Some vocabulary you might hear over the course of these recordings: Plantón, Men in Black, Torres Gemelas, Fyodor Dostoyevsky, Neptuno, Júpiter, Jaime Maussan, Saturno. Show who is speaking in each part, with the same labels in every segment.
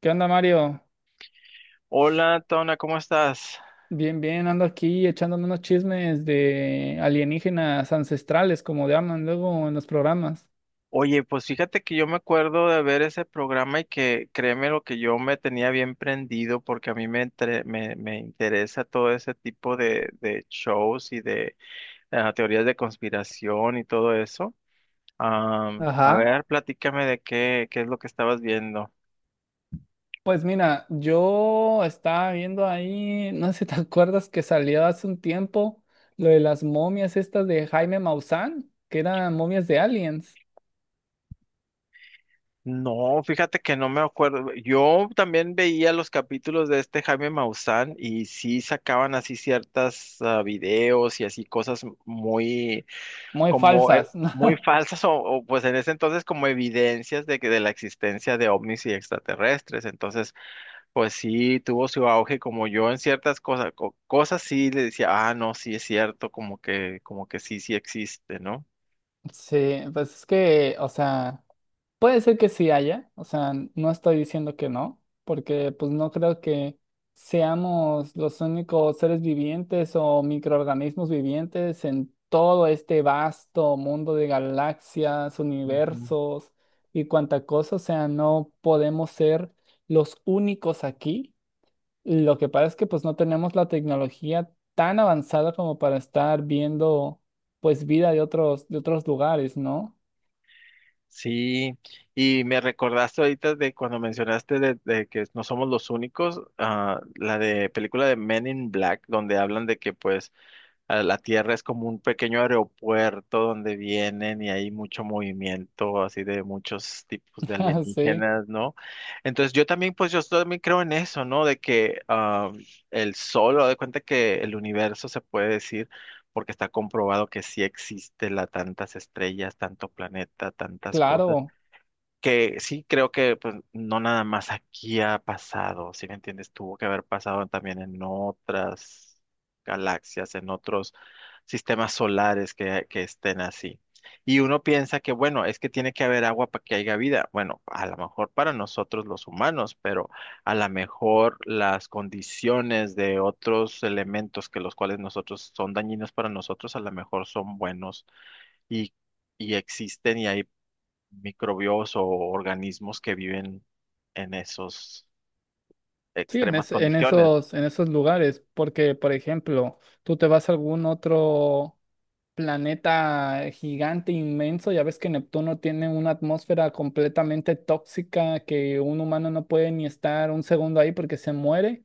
Speaker 1: ¿Qué onda, Mario?
Speaker 2: Hola, Tona, ¿cómo estás?
Speaker 1: Bien, bien, ando aquí echándome unos chismes de alienígenas ancestrales, como llaman luego en los programas.
Speaker 2: Oye, pues fíjate que yo me acuerdo de ver ese programa y que créeme lo que yo me tenía bien prendido porque a mí me interesa todo ese tipo de shows y de teorías de conspiración y todo eso. A
Speaker 1: Ajá.
Speaker 2: ver, platícame de qué es lo que estabas viendo.
Speaker 1: Pues mira, yo estaba viendo ahí, no sé si te acuerdas que salió hace un tiempo lo de las momias estas de Jaime Maussan, que eran momias de aliens,
Speaker 2: No, fíjate que no me acuerdo. Yo también veía los capítulos de este Jaime Maussan y sí sacaban así ciertas videos y así cosas muy
Speaker 1: muy
Speaker 2: como
Speaker 1: falsas. ¿No?
Speaker 2: muy falsas pues en ese entonces como evidencias de que de la existencia de ovnis y extraterrestres. Entonces, pues sí tuvo su auge como yo en ciertas cosas sí le decía: "Ah, no, sí es cierto, como que sí existe, ¿no?".
Speaker 1: Sí, pues es que, o sea. Puede ser que sí haya, o sea, no estoy diciendo que no, porque pues no creo que seamos los únicos seres vivientes o microorganismos vivientes en todo este vasto mundo de galaxias, universos y cuanta cosa, o sea, no podemos ser los únicos aquí. Lo que pasa es que pues no tenemos la tecnología tan avanzada como para estar viendo pues vida de otros lugares, ¿no?
Speaker 2: Sí, y me recordaste ahorita de cuando mencionaste de que no somos los únicos, la de película de Men in Black, donde hablan de que pues a la Tierra es como un pequeño aeropuerto donde vienen y hay mucho movimiento así de muchos tipos de
Speaker 1: Sí,
Speaker 2: alienígenas, ¿no? Entonces yo también, pues yo también creo en eso, ¿no? De que el Sol, haz de cuenta que el universo se puede decir, porque está comprobado que sí existe la tantas estrellas, tanto planeta, tantas cosas
Speaker 1: claro.
Speaker 2: que sí creo que pues, no nada más aquí ha pasado, si me entiendes, tuvo que haber pasado también en otras galaxias, en otros sistemas solares que estén así. Y uno piensa que, bueno, es que tiene que haber agua para que haya vida. Bueno, a lo mejor para nosotros los humanos, pero a lo mejor las condiciones de otros elementos que los cuales nosotros son dañinos para nosotros, a lo mejor son buenos y, y existen y hay microbios o organismos que viven en esas
Speaker 1: Sí, en,
Speaker 2: extremas
Speaker 1: es- en
Speaker 2: condiciones.
Speaker 1: esos, en esos lugares, porque, por ejemplo, tú te vas a algún otro planeta gigante, inmenso, ya ves que Neptuno tiene una atmósfera completamente tóxica que un humano no puede ni estar un segundo ahí porque se muere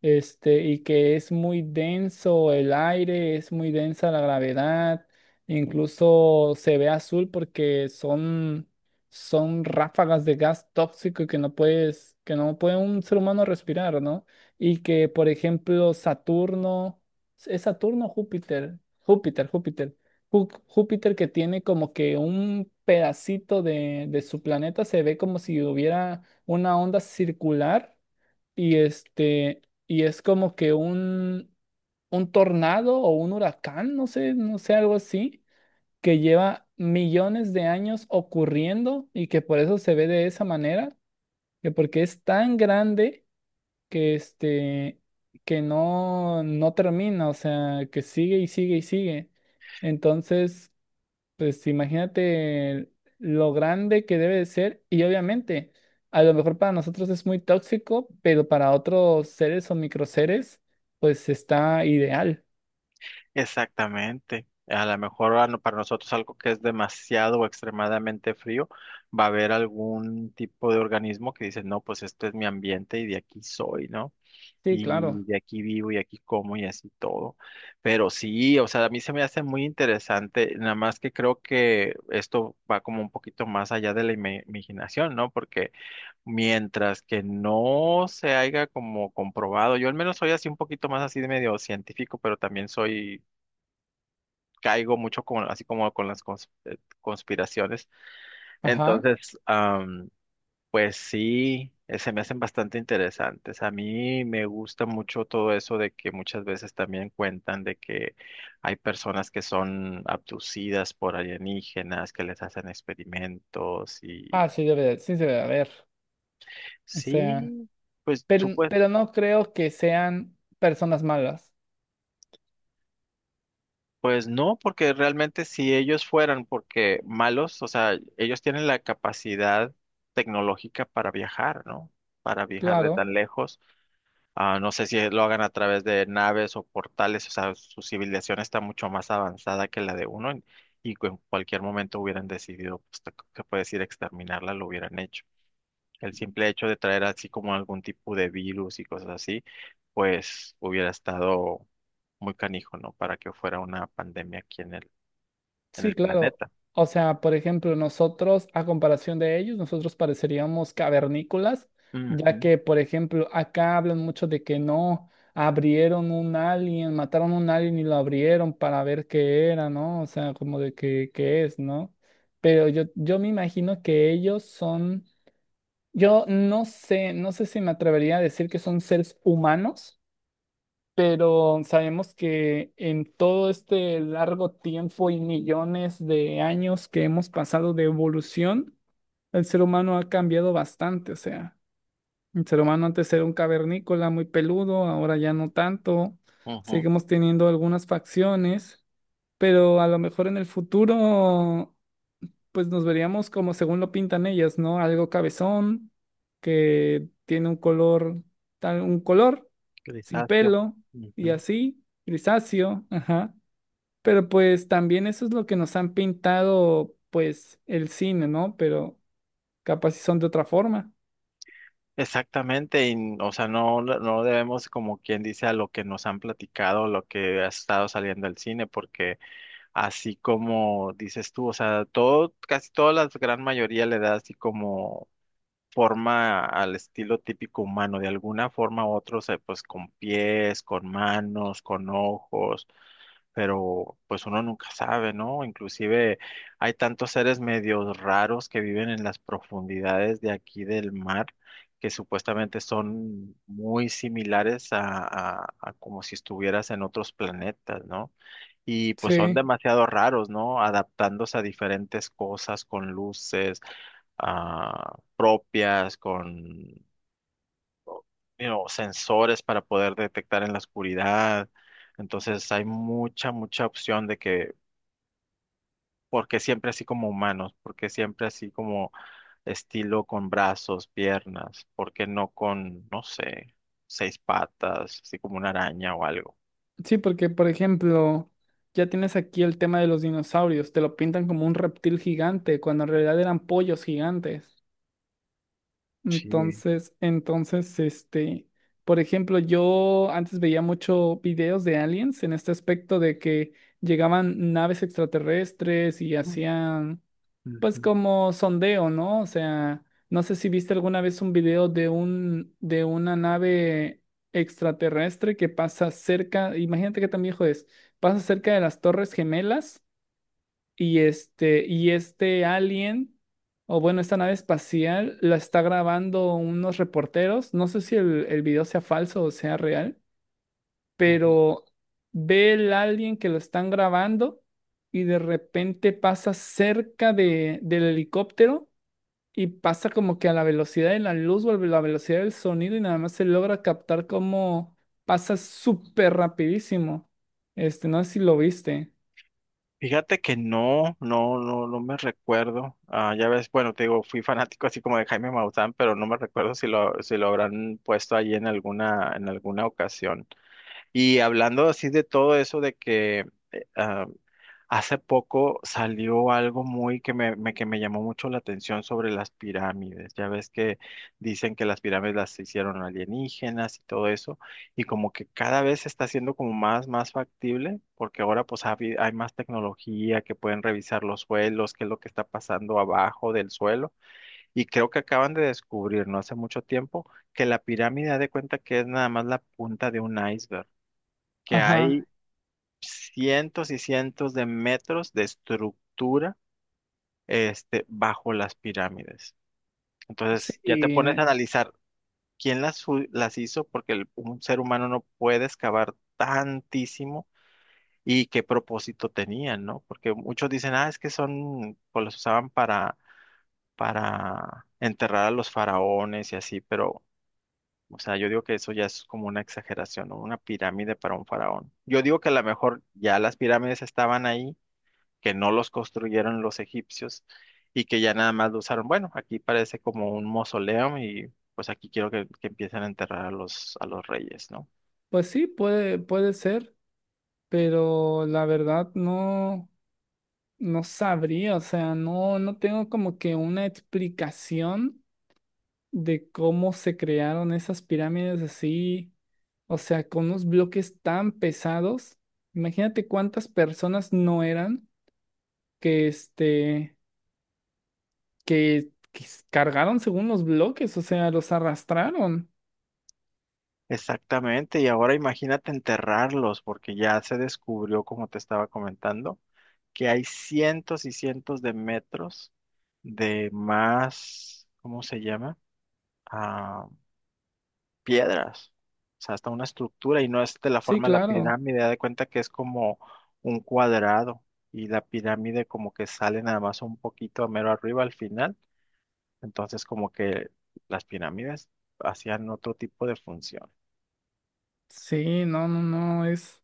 Speaker 1: este, y que es muy denso el aire, es muy densa la gravedad, incluso se ve azul porque son, son ráfagas de gas tóxico que no puedes, que no puede un ser humano respirar, ¿no? Y que, por ejemplo, Saturno, ¿es Saturno o Júpiter? Júpiter, Júpiter. Júpiter que tiene como que un pedacito de su planeta, se ve como si hubiera una onda circular. Y este, y es como que un tornado o un huracán, no sé, no sé, algo así, que lleva millones de años ocurriendo y que por eso se ve de esa manera, que porque es tan grande que este, que no, no termina, o sea, que sigue y sigue y sigue. Entonces, pues imagínate lo grande que debe de ser y obviamente a lo mejor para nosotros es muy tóxico, pero para otros seres o microseres pues está ideal.
Speaker 2: Exactamente. A lo mejor a no- para nosotros algo que es demasiado o extremadamente frío, va a haber algún tipo de organismo que dice, no, pues este es mi ambiente y de aquí soy, ¿no?
Speaker 1: Sí,
Speaker 2: Y
Speaker 1: claro.
Speaker 2: de aquí vivo y aquí como y así todo. Pero sí, o sea, a mí se me hace muy interesante, nada más que creo que esto va como un poquito más allá de la imaginación, ¿no? Porque mientras que no se haya como comprobado, yo al menos soy así un poquito más así de medio científico, pero también soy, caigo mucho con, así como con las conspiraciones.
Speaker 1: Ajá.
Speaker 2: Entonces, pues sí, se me hacen bastante interesantes. A mí me gusta mucho todo eso de que muchas veces también cuentan de que hay personas que son abducidas por alienígenas, que les hacen experimentos y
Speaker 1: Ah, sí debe de haber. O sea,
Speaker 2: sí. Pues
Speaker 1: pero no creo que sean personas malas.
Speaker 2: pues no, porque realmente si ellos fueran porque malos, o sea, ellos tienen la capacidad tecnológica para viajar, ¿no? Para viajar de
Speaker 1: Claro.
Speaker 2: tan lejos. Ah, no sé si lo hagan a través de naves o portales, o sea, su civilización está mucho más avanzada que la de uno y en cualquier momento hubieran decidido, pues, que puedes ir a exterminarla, lo hubieran hecho. El simple hecho de traer así como algún tipo de virus y cosas así, pues hubiera estado muy canijo, ¿no? Para que fuera una pandemia aquí en
Speaker 1: Sí,
Speaker 2: el
Speaker 1: claro.
Speaker 2: planeta.
Speaker 1: O sea, por ejemplo, nosotros, a comparación de ellos, nosotros pareceríamos cavernícolas, ya
Speaker 2: Ujú,
Speaker 1: que, por ejemplo, acá hablan mucho de que no abrieron un alien, mataron un alien y lo abrieron para ver qué era, ¿no? O sea, como de que, qué es, ¿no? Pero yo me imagino que ellos son, yo no sé, no sé si me atrevería a decir que son seres humanos, pero sabemos que en todo este largo tiempo y millones de años que hemos pasado de evolución, el ser humano ha cambiado bastante. O sea, el ser humano antes era un cavernícola muy peludo, ahora ya no tanto.
Speaker 2: ujú,
Speaker 1: Seguimos teniendo algunas facciones, pero a lo mejor en el futuro pues nos veríamos como según lo pintan ellas, ¿no? Algo cabezón, que tiene un color, tal, un color, sin
Speaker 2: grisáceo.
Speaker 1: pelo y
Speaker 2: Ujú.
Speaker 1: así, grisáceo, ajá. Pero pues también eso es lo que nos han pintado, pues, el cine, ¿no? Pero capaz si son de otra forma.
Speaker 2: Exactamente, o sea, no debemos, como quien dice, a lo que nos han platicado, lo que ha estado saliendo del cine, porque así como dices tú, o sea, todo, casi toda la gran mayoría le da así como forma al estilo típico humano, de alguna forma u otra, o sea, pues con pies, con manos, con ojos, pero pues uno nunca sabe, ¿no? Inclusive hay tantos seres medios raros que viven en las profundidades de aquí del mar, que supuestamente son muy similares a como si estuvieras en otros planetas, ¿no? Y pues son
Speaker 1: Sí,
Speaker 2: demasiado raros, ¿no? Adaptándose a diferentes cosas con luces propias, con sensores para poder detectar en la oscuridad. Entonces hay mucha opción de que, porque siempre así como humanos, porque siempre así como estilo con brazos, piernas, porque no con, no sé, seis patas, así como una araña o algo.
Speaker 1: sí, porque por ejemplo, ya tienes aquí el tema de los dinosaurios, te lo pintan como un reptil gigante, cuando en realidad eran pollos gigantes.
Speaker 2: Sí.
Speaker 1: Entonces, este, por ejemplo, yo antes veía mucho videos de aliens en este aspecto de que llegaban naves extraterrestres y
Speaker 2: Mm,
Speaker 1: hacían, pues,
Speaker 2: ujú,
Speaker 1: como sondeo, ¿no? O sea, no sé si viste alguna vez un video de un, de una nave extraterrestre que pasa cerca, imagínate qué tan viejo es, pasa cerca de las Torres Gemelas y este alien, o bueno, esta nave espacial, la está grabando unos reporteros. No sé si el video sea falso o sea real,
Speaker 2: ujú.
Speaker 1: pero ve el alien que lo están grabando y de repente pasa cerca de, del helicóptero y pasa como que a la velocidad de la luz o a la velocidad del sonido y nada más se logra captar como pasa súper rapidísimo. Este, no sé si lo viste.
Speaker 2: Fíjate que no, no, no, no me recuerdo. Ah, ya ves, bueno, te digo, fui fanático así como de Jaime Maussan, pero no me recuerdo si lo habrán puesto allí en alguna ocasión. Y hablando así de todo eso de que, eh, ah, Hace poco salió algo muy que que me llamó mucho la atención sobre las pirámides. Ya ves que dicen que las pirámides las hicieron alienígenas y todo eso, y como que cada vez se está haciendo como más, más factible, porque ahora pues hay más tecnología que pueden revisar los suelos, qué es lo que está pasando abajo del suelo, y creo que acaban de descubrir no hace mucho tiempo que la pirámide, haz de cuenta que es nada más la punta de un iceberg. Que hay
Speaker 1: Ajá.
Speaker 2: cientos y cientos de metros de estructura este, bajo las pirámides. Entonces ya te pones
Speaker 1: Sí.
Speaker 2: a analizar quién las hizo, porque un ser humano no puede excavar tantísimo y qué propósito tenían, ¿no? Porque muchos dicen, ah, es que son, pues los usaban para enterrar a los faraones y así, pero... O sea, yo digo que eso ya es como una exageración, ¿no? Una pirámide para un faraón. Yo digo que a lo mejor ya las pirámides estaban ahí que no los construyeron los egipcios y que ya nada más lo usaron. Bueno, aquí parece como un mausoleo y pues aquí quiero que empiecen a enterrar a los reyes, ¿no?
Speaker 1: Pues sí, puede, puede ser, pero la verdad no, no sabría, o sea, no, no tengo como que una explicación de cómo se crearon esas pirámides así, o sea, con unos bloques tan pesados. Imagínate cuántas personas no eran que este, que, cargaron según los bloques, o sea, los arrastraron.
Speaker 2: Exactamente, y ahora imagínate enterrarlos, porque ya se descubrió, como te estaba comentando, que hay cientos y cientos de metros de más, ¿cómo se llama? Ah, piedras, o sea, hasta una estructura y no es de la
Speaker 1: Sí,
Speaker 2: forma de la
Speaker 1: claro.
Speaker 2: pirámide, da de cuenta que es como un cuadrado y la pirámide como que sale nada más un poquito a mero arriba al final, entonces como que las pirámides hacían otro tipo de función.
Speaker 1: Sí, no, no, no, es.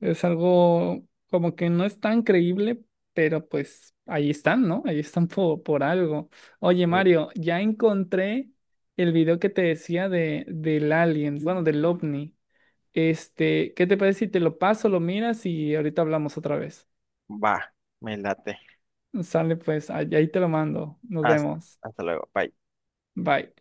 Speaker 1: Es algo como que no es tan creíble, pero pues ahí están, ¿no? Ahí están po- por, algo. Oye,
Speaker 2: Sí.
Speaker 1: Mario, ya encontré el video que te decía de, del alien, bueno, del ovni. Este, ¿qué te parece si te lo paso, lo miras y ahorita hablamos otra vez?
Speaker 2: Va, me late.
Speaker 1: Sale pues, ahí te lo mando. Nos
Speaker 2: Hasta,
Speaker 1: vemos.
Speaker 2: hasta luego, bye.
Speaker 1: Bye.